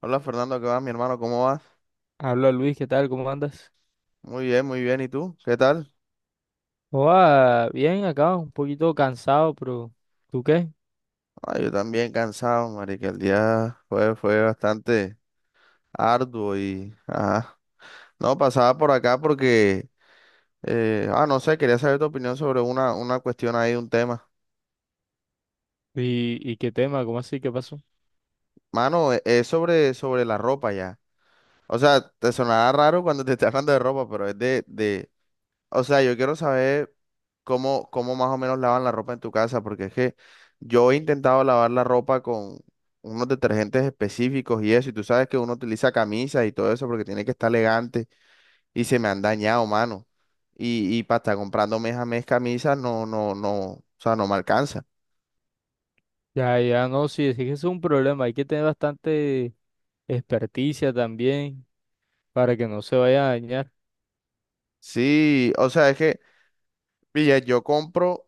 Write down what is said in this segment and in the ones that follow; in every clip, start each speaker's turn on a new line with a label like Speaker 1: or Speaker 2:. Speaker 1: Hola Fernando, ¿qué vas, mi hermano? ¿Cómo vas?
Speaker 2: Habla Luis, ¿qué tal? ¿Cómo andas?
Speaker 1: Muy bien, muy bien. ¿Y tú? ¿Qué tal?
Speaker 2: Hola, bien acá, un poquito cansado, pero ¿tú qué?
Speaker 1: Ah, yo también cansado, marica. El día fue bastante arduo y... Ajá. No, pasaba por acá porque... no sé, quería saber tu opinión sobre una cuestión ahí, un tema.
Speaker 2: ¿Y qué tema? ¿Cómo así? ¿Qué pasó?
Speaker 1: Mano, es sobre la ropa ya. O sea, te sonará raro cuando te esté hablando de ropa, pero es o sea, yo quiero saber cómo más o menos lavan la ropa en tu casa, porque es que yo he intentado lavar la ropa con unos detergentes específicos y eso, y tú sabes que uno utiliza camisas y todo eso porque tiene que estar elegante y se me han dañado, mano. Y para estar comprando mes a mes camisas, no, no, no, o sea, no me alcanza.
Speaker 2: Ya, ya, no, sí, es que es un problema, hay que tener bastante experticia también para que no se vaya a dañar.
Speaker 1: Sí, o sea, es que, pilla, yo compro,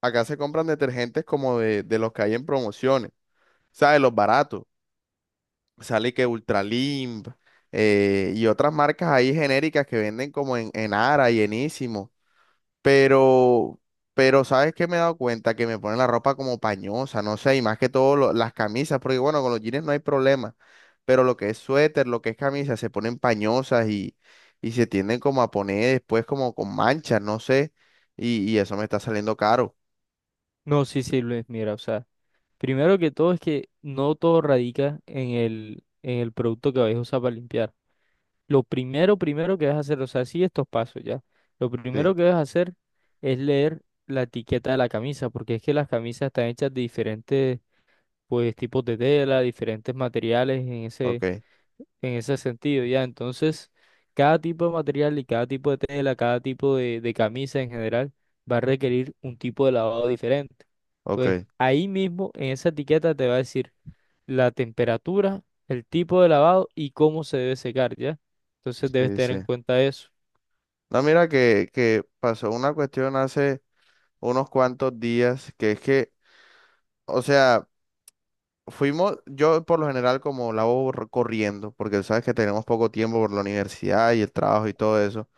Speaker 1: acá se compran detergentes como de los que hay en promociones, ¿sabes? Los baratos. Sale que Ultralimp, y otras marcas ahí genéricas que venden como en Ara y enísimo. Pero, pero ¿sabes qué me he dado cuenta? Que me ponen la ropa como pañosa, no sé, y más que todo las camisas, porque bueno, con los jeans no hay problema, pero lo que es suéter, lo que es camisa, se ponen pañosas y se tienden como a poner después como con manchas, no sé, y eso me está saliendo caro.
Speaker 2: No, sí, sí, Luis, mira, o sea, primero que todo es que no todo radica en el producto que vais a usar para limpiar. Lo primero, primero que debes hacer, o sea, sí, estos pasos ya. Lo
Speaker 1: Sí,
Speaker 2: primero que debes hacer es leer la etiqueta de la camisa, porque es que las camisas están hechas de diferentes, pues, tipos de tela, diferentes materiales
Speaker 1: ok,
Speaker 2: en ese sentido, ya. Entonces, cada tipo de material y cada tipo de tela, cada tipo de camisa en general, va a requerir un tipo de lavado diferente. Entonces,
Speaker 1: ok,
Speaker 2: ahí mismo, en esa etiqueta te va a decir la temperatura, el tipo de lavado y cómo se debe secar, ¿ya? Entonces debes
Speaker 1: sí,
Speaker 2: tener
Speaker 1: sí.
Speaker 2: en cuenta eso.
Speaker 1: No, mira que pasó una cuestión hace... unos cuantos días, que es que, o sea, fuimos, yo por lo general como la hago corriendo, porque sabes que tenemos poco tiempo por la universidad y el trabajo y todo eso,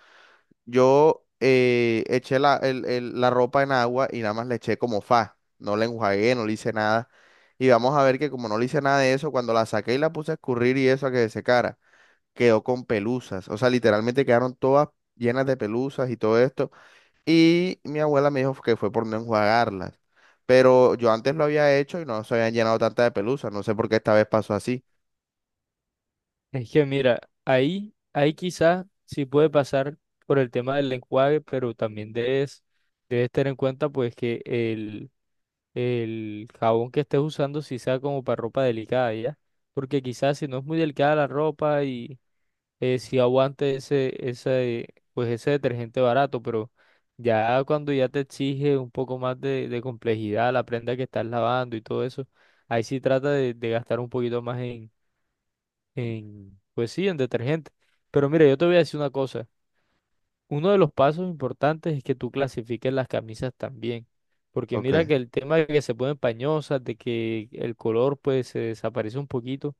Speaker 1: yo eché la ropa en agua y nada más le eché como fa, no la enjuagué, no le hice nada, y vamos a ver que como no le hice nada de eso, cuando la saqué y la puse a escurrir y eso a que se secara, quedó con pelusas, o sea, literalmente quedaron todas llenas de pelusas y todo esto. Y mi abuela me dijo que fue por no enjuagarlas. Pero yo antes lo había hecho y no se habían llenado tanta de pelusa. No sé por qué esta vez pasó así.
Speaker 2: Es que mira, ahí, ahí quizás sí puede pasar por el tema del enjuague, pero también debes, debes tener en cuenta pues que el jabón que estés usando sí sea como para ropa delicada, ¿ya? Porque quizás si no es muy delicada la ropa y sí aguante ese, ese, pues ese detergente barato, pero ya cuando ya te exige un poco más de complejidad la prenda que estás lavando y todo eso, ahí sí trata de gastar un poquito más en, pues sí, en detergente. Pero mira, yo te voy a decir una cosa. Uno de los pasos importantes es que tú clasifiques las camisas también. Porque mira
Speaker 1: Ok,
Speaker 2: que el tema de que se ponen pañosas, de que el color pues se desaparece un poquito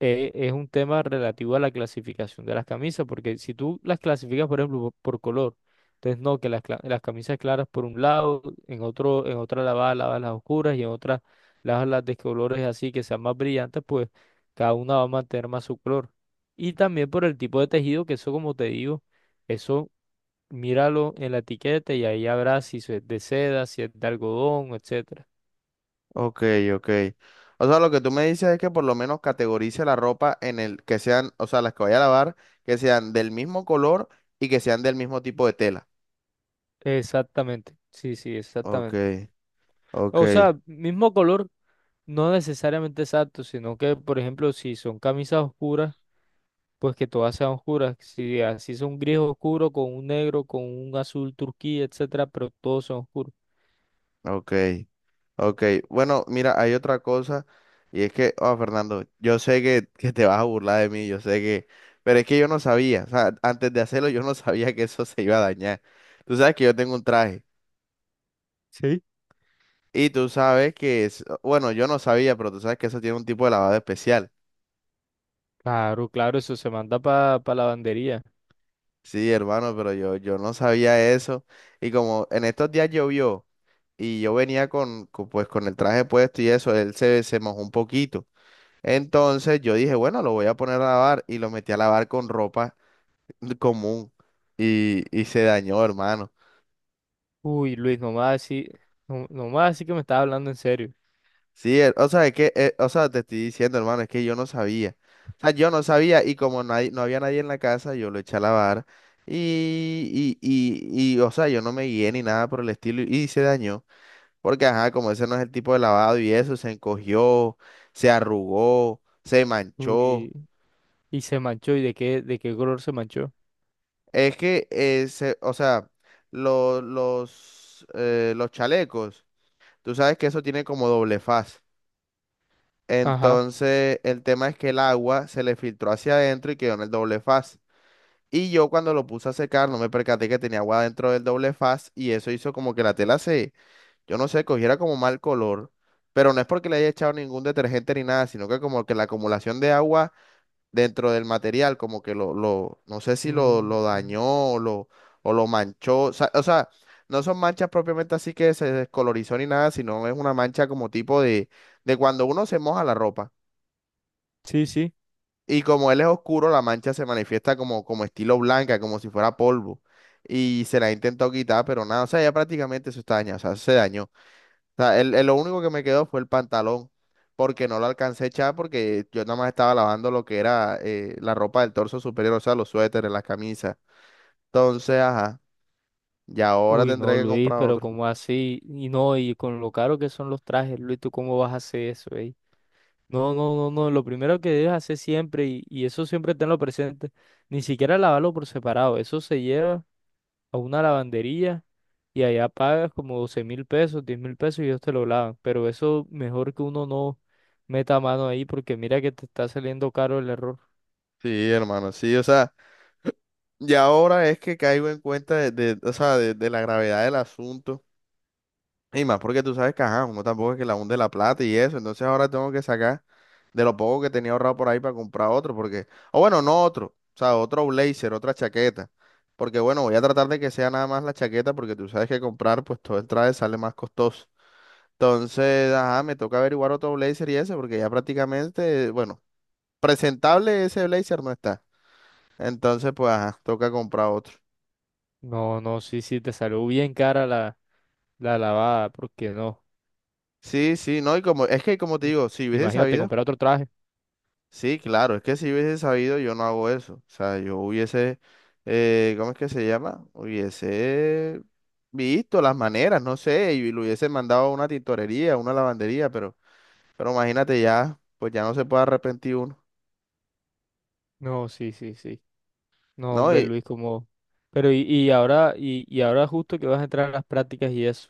Speaker 2: es un tema relativo a la clasificación de las camisas, porque si tú las clasificas, por ejemplo, por color, entonces no, que las, las camisas claras por un lado, en otro, en otra lavada, lavas las oscuras y en otra lavas las de colores así que sean más brillantes, pues cada una va a mantener más su color. Y también por el tipo de tejido, que eso como te digo, eso míralo en la etiqueta y ahí habrá si es de seda, si es de algodón, etcétera.
Speaker 1: ok, ok. O sea, lo que tú me dices es que por lo menos categorice la ropa en el que sean, o sea, las que vaya a lavar, que sean del mismo color y que sean del mismo tipo de tela.
Speaker 2: Exactamente, sí, sí,
Speaker 1: Ok,
Speaker 2: exactamente.
Speaker 1: ok,
Speaker 2: O sea, mismo color. No necesariamente exacto, sino que, por ejemplo, si son camisas oscuras, pues que todas sean oscuras. Si así son gris oscuro, con un negro, con un azul turquía, etcétera, pero todos son oscuros.
Speaker 1: ok. Ok, bueno, mira, hay otra cosa y es que, oh, Fernando, yo sé que te vas a burlar de mí, yo sé que, pero es que yo no sabía, o sea, antes de hacerlo yo no sabía que eso se iba a dañar. Tú sabes que yo tengo un traje
Speaker 2: Sí.
Speaker 1: y tú sabes que es, bueno, yo no sabía, pero tú sabes que eso tiene un tipo de lavado especial.
Speaker 2: Claro, claro, eso se manda para la lavandería.
Speaker 1: Sí, hermano, pero yo no sabía eso y como en estos días llovió y yo venía pues, con el traje puesto y eso, él se mojó un poquito. Entonces yo dije, bueno, lo voy a poner a lavar y lo metí a lavar con ropa común y se dañó, hermano.
Speaker 2: Uy, Luis, nomás así, no, nomás así que me estaba hablando en serio.
Speaker 1: Sí, o sea, es que, o sea, te estoy diciendo, hermano, es que yo no sabía. O sea, yo no sabía y como nadie, no había nadie en la casa, yo lo eché a lavar o sea, yo no me guié ni nada por el estilo y, se dañó. Porque, ajá, como ese no es el tipo de lavado y eso, se encogió, se arrugó, se manchó.
Speaker 2: Uy, y se manchó, ¿y de qué color se manchó?
Speaker 1: Es que, o sea, los chalecos, tú sabes que eso tiene como doble faz.
Speaker 2: Ajá.
Speaker 1: Entonces, el tema es que el agua se le filtró hacia adentro y quedó en el doble faz. Y yo cuando lo puse a secar, no me percaté que tenía agua dentro del doble faz y eso hizo como que la tela se, yo no sé, cogiera como mal color. Pero no es porque le haya echado ningún detergente ni nada, sino que como que la acumulación de agua dentro del material, como que lo no sé si lo
Speaker 2: Mm,
Speaker 1: dañó o lo, o lo manchó. O sea, no son manchas propiamente así que se descolorizó ni nada, sino es una mancha como tipo de cuando uno se moja la ropa.
Speaker 2: sí, sí.
Speaker 1: Y como él es oscuro, la mancha se manifiesta como, como estilo blanca, como si fuera polvo. Y se la intentó quitar, pero nada, o sea, ya prácticamente eso está dañado, o sea, se dañó. O sea, lo único que me quedó fue el pantalón, porque no lo alcancé a echar porque yo nada más estaba lavando lo que era la ropa del torso superior, o sea, los suéteres, las camisas. Entonces, ajá, y ahora
Speaker 2: Uy, no,
Speaker 1: tendré que
Speaker 2: Luis,
Speaker 1: comprar
Speaker 2: pero
Speaker 1: otro.
Speaker 2: ¿cómo así? Y no, y con lo caro que son los trajes, Luis, ¿tú cómo vas a hacer eso, eh? No, no, no, no. Lo primero que debes hacer siempre, y eso siempre tenlo presente, ni siquiera lavarlo por separado. Eso se lleva a una lavandería y allá pagas como $12.000, $10.000 y ellos te lo lavan. Pero eso mejor que uno no meta mano ahí porque mira que te está saliendo caro el error.
Speaker 1: Sí, hermano, sí, o sea, y ahora es que caigo en cuenta o sea, de la gravedad del asunto. Y más porque tú sabes que, ajá, uno tampoco es que la hunde la plata y eso. Entonces ahora tengo que sacar de lo poco que tenía ahorrado por ahí para comprar otro. Porque, o bueno, no otro. O sea, otro blazer, otra chaqueta. Porque bueno, voy a tratar de que sea nada más la chaqueta porque tú sabes que comprar pues todo el traje sale más costoso. Entonces, ajá, me toca averiguar otro blazer y ese porque ya prácticamente, bueno, presentable ese blazer no está. Entonces, pues, ajá, toca comprar otro.
Speaker 2: No, no, sí, sí, te salió bien cara la, la lavada, porque no.
Speaker 1: Sí, sí, no, y como, es que como te
Speaker 2: Mm.
Speaker 1: digo, si hubiese
Speaker 2: Imagínate
Speaker 1: sabido.
Speaker 2: comprar otro traje.
Speaker 1: Sí, claro, es que si hubiese sabido yo no hago eso. O sea, yo hubiese, ¿cómo es que se llama? Hubiese visto las maneras, no sé, y lo hubiese mandado a una tintorería, a una lavandería, pero imagínate ya, pues ya no se puede arrepentir uno.
Speaker 2: No, sí, sí, sí. No,
Speaker 1: No,
Speaker 2: hombre,
Speaker 1: y
Speaker 2: Luis, como... Pero y ahora, y ahora justo que vas a entrar a las prácticas y eso.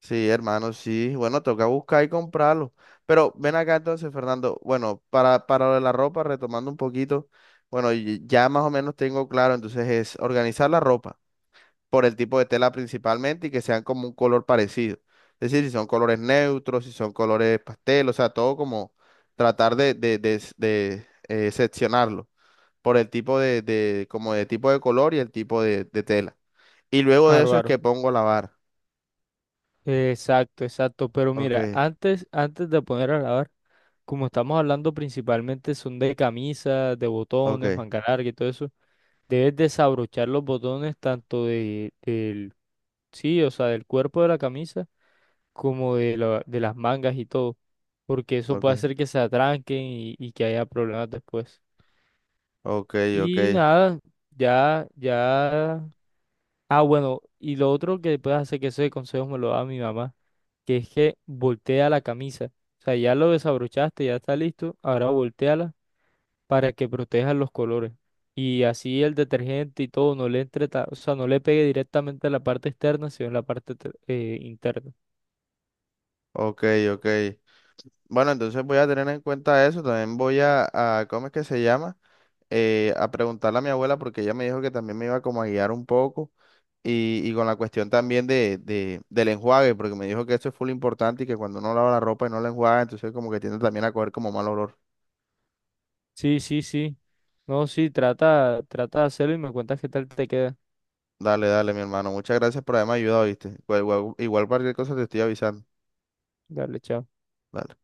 Speaker 1: sí, hermano, sí, bueno, toca buscar y comprarlo. Pero ven acá entonces, Fernando, bueno, para lo de la ropa, retomando un poquito, bueno, y ya más o menos tengo claro, entonces es organizar la ropa por el tipo de tela principalmente y que sean como un color parecido. Es decir, si son colores neutros, si son colores pastel, o sea, todo como tratar de seccionarlo por el tipo de como de tipo de color y el tipo de tela. Y luego de
Speaker 2: Aro,
Speaker 1: eso es
Speaker 2: aro.
Speaker 1: que pongo a lavar.
Speaker 2: Exacto, exacto. Pero
Speaker 1: Ok,
Speaker 2: mira, antes, antes de poner a lavar, como estamos hablando principalmente son de camisas, de
Speaker 1: ok,
Speaker 2: botones, manga larga y todo eso, debes desabrochar los botones tanto de, del, sí, o sea, del cuerpo de la camisa como de, de las mangas y todo, porque eso puede
Speaker 1: ok,
Speaker 2: hacer que se atranquen y que haya problemas después.
Speaker 1: ok, ok,
Speaker 2: Y nada, ya, ya. Ah, bueno, y lo otro que puedes hacer, que ese consejo me lo da mi mamá, que es que voltea la camisa. O sea, ya lo desabrochaste, ya está listo, ahora volteala para que proteja los colores. Y así el detergente y todo no le entre, o sea, no le pegue directamente a la parte externa, sino en la parte interna.
Speaker 1: ok, ok. Bueno, entonces voy a tener en cuenta eso. También voy a ¿cómo es que se llama? A preguntarle a mi abuela porque ella me dijo que también me iba como a guiar un poco y con la cuestión también del enjuague, porque me dijo que eso es full importante y que cuando uno lava la ropa y no la enjuaga, entonces como que tiende también a coger como mal olor.
Speaker 2: Sí, sí, sí. No, sí, trata, trata de hacerlo y me cuentas qué tal te queda.
Speaker 1: Dale, dale, mi hermano. Muchas gracias por haberme ayudado, ¿viste? Igual, igual cualquier cosa te estoy avisando.
Speaker 2: Dale, chao.
Speaker 1: Dale.